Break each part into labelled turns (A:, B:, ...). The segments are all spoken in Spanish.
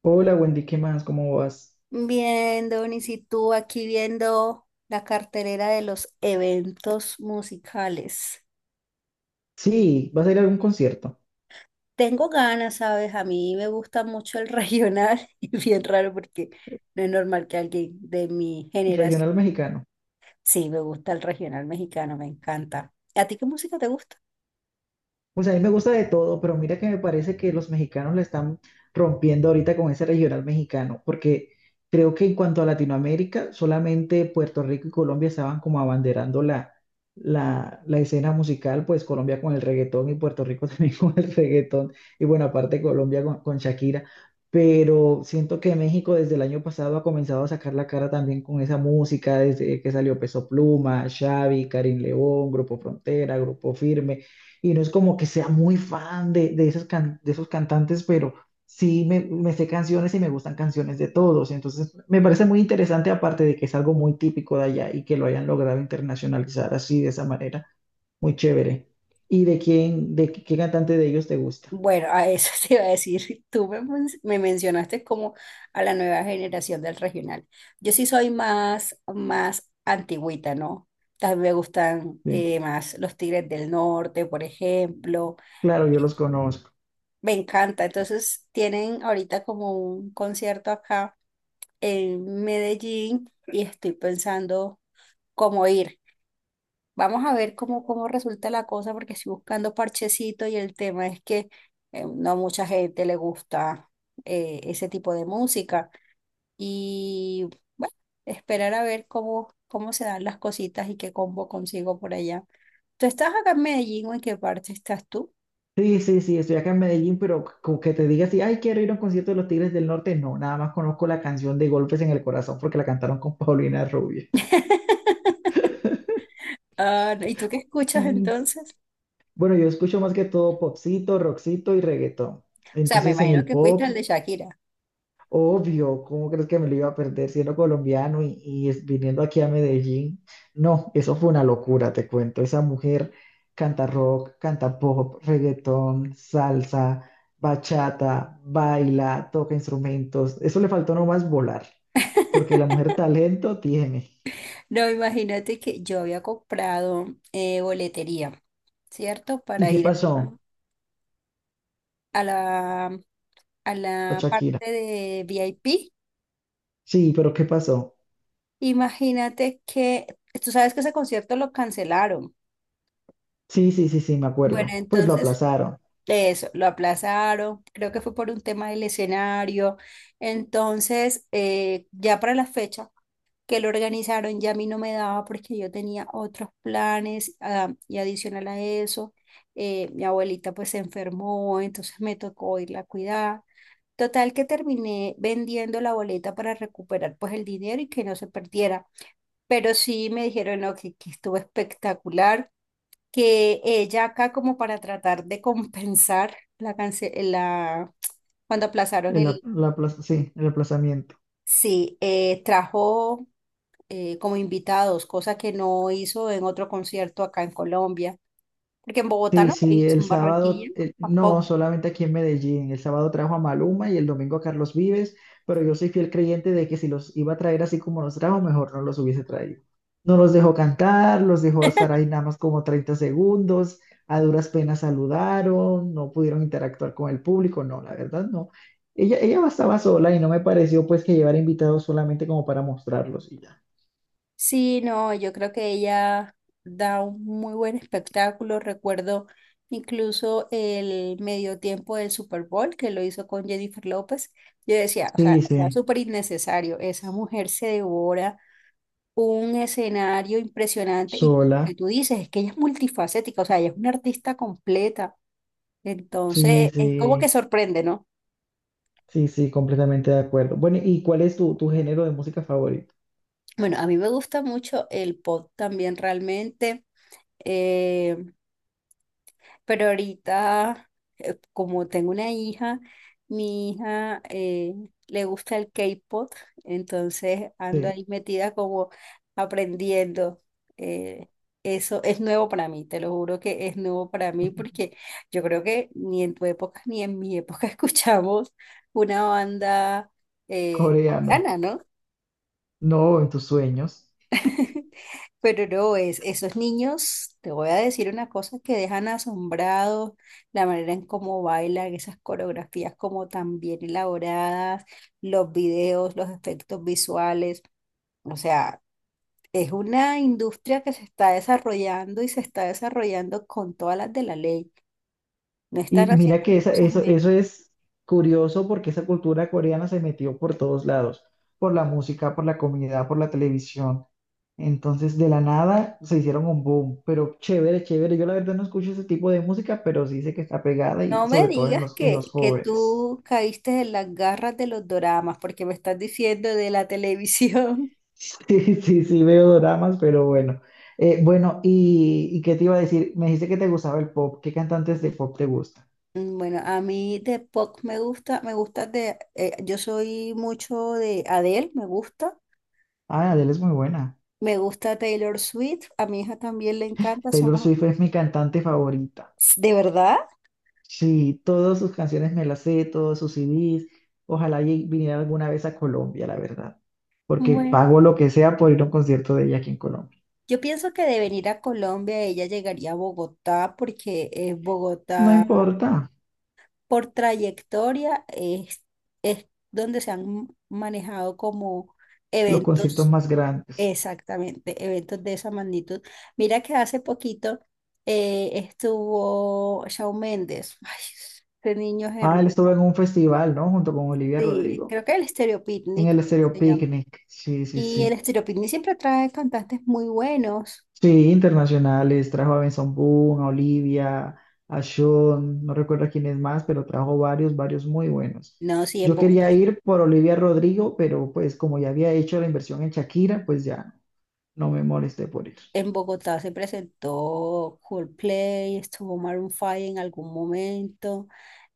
A: Hola Wendy, ¿qué más? ¿Cómo vas?
B: Bien, Donis, y tú aquí viendo la cartelera de los eventos musicales.
A: Sí, vas a ir a algún concierto
B: Tengo ganas, ¿sabes? A mí me gusta mucho el regional y bien raro porque no es normal que alguien de mi
A: regional
B: generación.
A: mexicano.
B: Sí, me gusta el regional mexicano, me encanta. ¿A ti qué música te gusta?
A: Pues a mí me gusta de todo, pero mira que me parece que los mexicanos la están rompiendo ahorita con ese regional mexicano, porque creo que en cuanto a Latinoamérica, solamente Puerto Rico y Colombia estaban como abanderando la escena musical, pues Colombia con el reggaetón y Puerto Rico también con el reggaetón, y bueno, aparte Colombia con Shakira, pero siento que México desde el año pasado ha comenzado a sacar la cara también con esa música, desde que salió Peso Pluma, Xavi, Karim León, Grupo Frontera, Grupo Firme y no es como que sea muy fan de esos cantantes, pero sí me sé canciones y me gustan canciones de todos. Entonces, me parece muy interesante, aparte de que es algo muy típico de allá y que lo hayan logrado internacionalizar así, de esa manera, muy chévere. ¿Y de quién, de qué cantante de ellos te gusta?
B: Bueno, a eso te iba a decir, me mencionaste como a la nueva generación del regional. Yo sí soy más antigüita, ¿no? También me gustan
A: Sí,
B: más los Tigres del Norte, por ejemplo.
A: claro, yo los conozco.
B: Me encanta. Entonces, tienen ahorita como un concierto acá en Medellín y estoy pensando cómo ir. Vamos a ver cómo resulta la cosa, porque estoy buscando parchecito y el tema es que no a mucha gente le gusta ese tipo de música. Y bueno, esperar a ver cómo se dan las cositas y qué combo consigo por allá. ¿Tú estás acá en Medellín o en qué parte estás tú?
A: Sí, sí, sí, estoy acá en Medellín, pero como que te diga así, ay, quiero ir a un concierto de los Tigres del Norte, no, nada más conozco la canción de Golpes en el Corazón porque la cantaron con Paulina Rubio.
B: Ah, no, ¿y tú qué escuchas entonces?
A: Bueno, yo escucho más que todo popcito, rockcito y reggaetón.
B: O sea, me
A: Entonces, en
B: imagino
A: el
B: que fuiste al de
A: pop,
B: Shakira.
A: obvio, ¿cómo crees que me lo iba a perder siendo colombiano y es- viniendo aquí a Medellín? No, eso fue una locura, te cuento. Esa mujer canta rock, canta pop, reggaetón, salsa, bachata, baila, toca instrumentos. Eso le faltó nomás volar, porque la mujer talento tiene.
B: No, imagínate que yo había comprado boletería, ¿cierto?
A: ¿Y
B: Para
A: qué
B: ir a,
A: pasó
B: a la a
A: a
B: la
A: Shakira?
B: parte de VIP.
A: Sí, pero ¿qué pasó?
B: Imagínate que, tú sabes que ese concierto lo cancelaron.
A: Sí, sí, sí, sí, me
B: Bueno,
A: acuerdo. Pues lo
B: entonces,
A: aplazaron.
B: de eso, lo aplazaron, creo que fue por un tema del escenario. Entonces, ya para la fecha que lo organizaron, ya a mí no me daba porque yo tenía otros planes, ah, y adicional a eso, mi abuelita pues se enfermó, entonces me tocó irla a cuidar. Total que terminé vendiendo la boleta para recuperar pues el dinero y que no se perdiera. Pero sí me dijeron no, que estuvo espectacular, que ella acá como para tratar de compensar la cance- la cuando aplazaron
A: El, ap-
B: el
A: la plaza- sí, el aplazamiento.
B: sí, trajo como invitados, cosa que no hizo en otro concierto acá en Colombia, porque en Bogotá
A: Sí,
B: no lo
A: sí,
B: hizo,
A: el
B: en
A: sábado,
B: Barranquilla
A: no,
B: tampoco.
A: solamente aquí en Medellín. El sábado trajo a Maluma y el domingo a Carlos Vives, pero yo soy fiel creyente de que si los iba a traer así como los trajo, mejor no los hubiese traído. No los dejó cantar, los dejó estar ahí nada más como 30 segundos, a duras penas saludaron, no pudieron interactuar con el público, no, la verdad no. Ella estaba sola y no me pareció pues que llevar invitados solamente como para mostrarlos y ya.
B: Sí, no, yo creo que ella da un muy buen espectáculo. Recuerdo incluso el medio tiempo del Super Bowl que lo hizo con Jennifer López. Yo decía, o sea,
A: Sí,
B: era
A: sí,
B: súper innecesario. Esa mujer se devora un escenario impresionante y por lo
A: sola,
B: que tú dices es que ella es multifacética, o sea, ella es una artista completa.
A: sí,
B: Entonces, es como que
A: sí.
B: sorprende, ¿no?
A: Sí, sí, completamente de acuerdo. Bueno, ¿y cuál es tu, género de música favorito?
B: Bueno, a mí me gusta mucho el pop también realmente. eh, Pero ahorita, como tengo una hija, mi hija le gusta el K-pop, entonces ando
A: Sí,
B: ahí metida como aprendiendo. eh, Eso es nuevo para mí, te lo juro que es nuevo para mí porque yo creo que ni en tu época ni en mi época escuchamos una banda
A: coreana.
B: coreana, ¿no?
A: No, en tus sueños.
B: Pero no, es, esos niños, te voy a decir una cosa que dejan asombrados, la manera en cómo bailan, esas coreografías como tan bien elaboradas, los videos, los efectos visuales. O sea, es una industria que se está desarrollando y se está desarrollando con todas las de la ley. No
A: Y
B: están haciendo
A: mira que
B: las
A: esa-
B: cosas a.
A: eso, eso es curioso porque esa cultura coreana se metió por todos lados, por la música, por la comida, por la televisión. Entonces, de la nada se hicieron un boom, pero chévere, chévere. Yo la verdad no escucho ese tipo de música, pero sí sé que está pegada y
B: No me
A: sobre todo en
B: digas
A: los, en los
B: que
A: jóvenes.
B: tú caíste en las garras de los doramas, porque me estás diciendo de la televisión.
A: Sí, sí, sí, veo dramas, pero bueno. Bueno, ¿y qué te iba a decir? Me dijiste que te gustaba el pop. ¿Qué cantantes de pop te gustan?
B: Mm, bueno, a mí de pop me gusta de, yo soy mucho de Adele,
A: Ah, Adele es muy buena.
B: me gusta Taylor Swift, a mi hija también le encanta,
A: Taylor
B: somos,
A: Swift es mi cantante favorita.
B: ¿de verdad?
A: Sí, todas sus canciones me las sé, todos sus CDs. Ojalá y viniera alguna vez a Colombia, la verdad. Porque
B: Bueno,
A: pago lo que sea por ir a un concierto de ella aquí en Colombia.
B: yo pienso que de venir a Colombia ella llegaría a Bogotá porque
A: No
B: Bogotá
A: importa,
B: por trayectoria es donde se han manejado como
A: los conciertos
B: eventos.
A: más grandes.
B: Exactamente, eventos de esa magnitud. Mira que hace poquito estuvo Shawn Mendes. Ay, este niño es
A: Ah, él
B: hermoso.
A: estuvo en un festival, ¿no? Junto con Olivia
B: Sí,
A: Rodrigo,
B: creo que el Stereo
A: en
B: Picnic,
A: el
B: creo que
A: Estéreo
B: se llama.
A: Picnic. Sí, sí,
B: Y
A: sí.
B: el Stereo Picnic siempre trae cantantes muy buenos.
A: Sí, internacionales, trajo a Benson Boone, a Olivia, a Sean, no recuerdo quién es más, pero trajo varios, varios muy buenos.
B: No, sí, en
A: Yo
B: Bogotá.
A: quería ir por Olivia Rodrigo, pero pues como ya había hecho la inversión en Shakira, pues ya no me molesté por ir.
B: En Bogotá se presentó Coldplay, estuvo Maroon 5 en algún momento.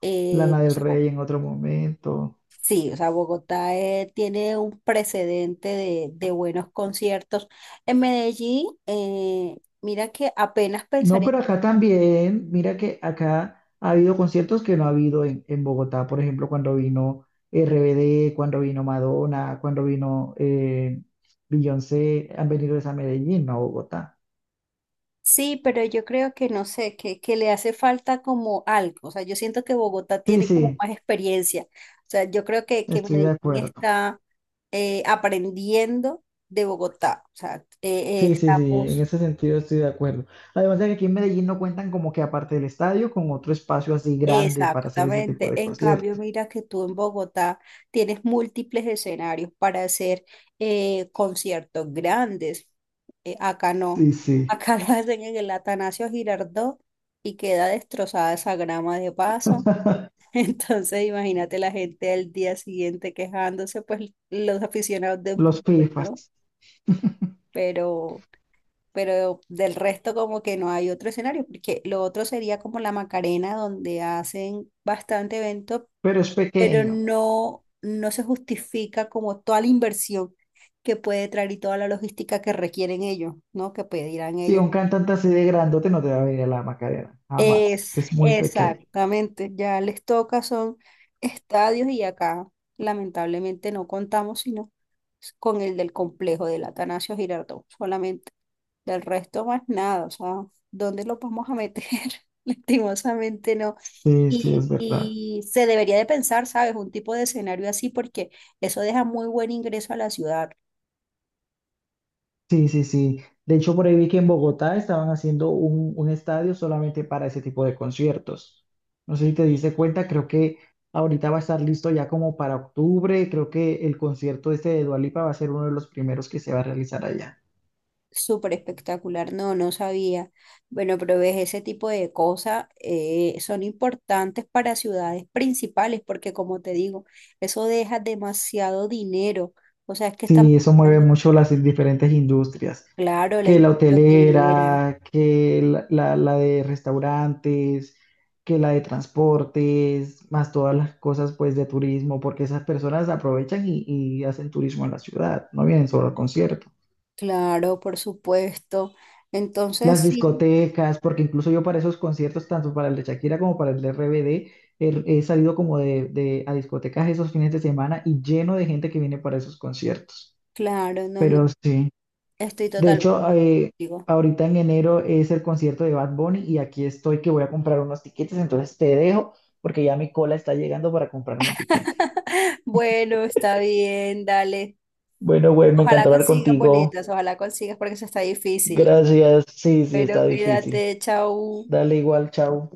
B: Eh,
A: Lana del Rey en otro momento.
B: Sí, o sea, Bogotá tiene un precedente de buenos conciertos. En Medellín, mira que apenas
A: No,
B: pensaría,
A: pero acá también, mira que acá ha habido conciertos que no ha habido en Bogotá, por ejemplo, cuando vino RBD, cuando vino Madonna, cuando vino Beyoncé, han venido es a Medellín, no a Bogotá.
B: sí, pero yo creo que no sé, que le hace falta como algo. O sea, yo siento que Bogotá
A: Sí,
B: tiene como
A: sí,
B: más experiencia. O sea, yo creo que
A: estoy de
B: Medellín
A: acuerdo.
B: está aprendiendo de Bogotá. O sea,
A: Sí, sí, sí, en
B: estamos.
A: ese sentido estoy de acuerdo. Además de que aquí en Medellín no cuentan como que aparte del estadio, con otro espacio así grande para hacer ese tipo
B: Exactamente.
A: de
B: En cambio,
A: conciertos.
B: mira que tú en Bogotá tienes múltiples escenarios para hacer conciertos grandes. Acá no.
A: Sí, sí,
B: Acá lo hacen en el Atanasio Girardot y queda destrozada esa grama de paso. Entonces, imagínate la gente al día siguiente quejándose, pues los aficionados de
A: los
B: fútbol, ¿no?
A: FIFAs,
B: Pero, pero del resto como que no hay otro escenario, porque lo otro sería como la Macarena, donde hacen bastante evento,
A: pero es
B: pero
A: pequeño.
B: no, no se justifica como toda la inversión que puede traer y toda la logística que requieren ellos, ¿no? Que pedirán
A: Sí,
B: ellos.
A: un cantante así de grandote no te va a venir a la Macarena, jamás.
B: Es
A: Es muy pequeño.
B: exactamente, ya les toca, son estadios y acá lamentablemente no contamos sino con el del complejo del Atanasio Girardot, solamente. Del resto más nada, o sea, ¿dónde lo vamos a meter? Lastimosamente no.
A: Sí, sí, es verdad.
B: Y se debería de pensar, ¿sabes? Un tipo de escenario así porque eso deja muy buen ingreso a la ciudad.
A: Sí, sí, sí. De hecho, por ahí vi que en Bogotá estaban haciendo un, estadio solamente para ese tipo de conciertos. No sé si te diste cuenta, creo que ahorita va a estar listo ya como para octubre. Creo que el concierto este de Dua Lipa va a ser uno de los primeros que se va a realizar allá.
B: Súper espectacular, no, no sabía. Bueno, pero ves, ese tipo de cosas son importantes para ciudades principales porque como te digo, eso deja demasiado dinero. O sea, es que estamos
A: Sí, eso mueve
B: hablando,
A: mucho las diferentes industrias,
B: claro, la
A: que la
B: industria hotelera.
A: hotelera, que la de restaurantes, que la de transportes, más todas las cosas pues de turismo, porque esas personas aprovechan y hacen turismo en la ciudad, no vienen solo al concierto.
B: Claro, por supuesto. Entonces,
A: Las
B: sí,
A: discotecas, porque incluso yo para esos conciertos, tanto para el de Shakira como para el de RBD, he salido como a discotecas esos fines de semana y lleno de gente que viene para esos conciertos.
B: claro, no, no,
A: Pero sí.
B: estoy
A: De
B: totalmente
A: hecho,
B: de acuerdo contigo.
A: ahorita en enero es el concierto de Bad Bunny y aquí estoy que voy a comprar unos tiquetes, entonces te dejo porque ya mi cola está llegando para comprar mi tiquete.
B: Bueno, está bien, dale.
A: Bueno, güey, me
B: Ojalá
A: encantó hablar
B: consigas
A: contigo.
B: boletas, ojalá consigas porque eso está difícil.
A: Gracias. Sí, sí,
B: Pero
A: está difícil.
B: cuídate, chao.
A: Dale igual, chao.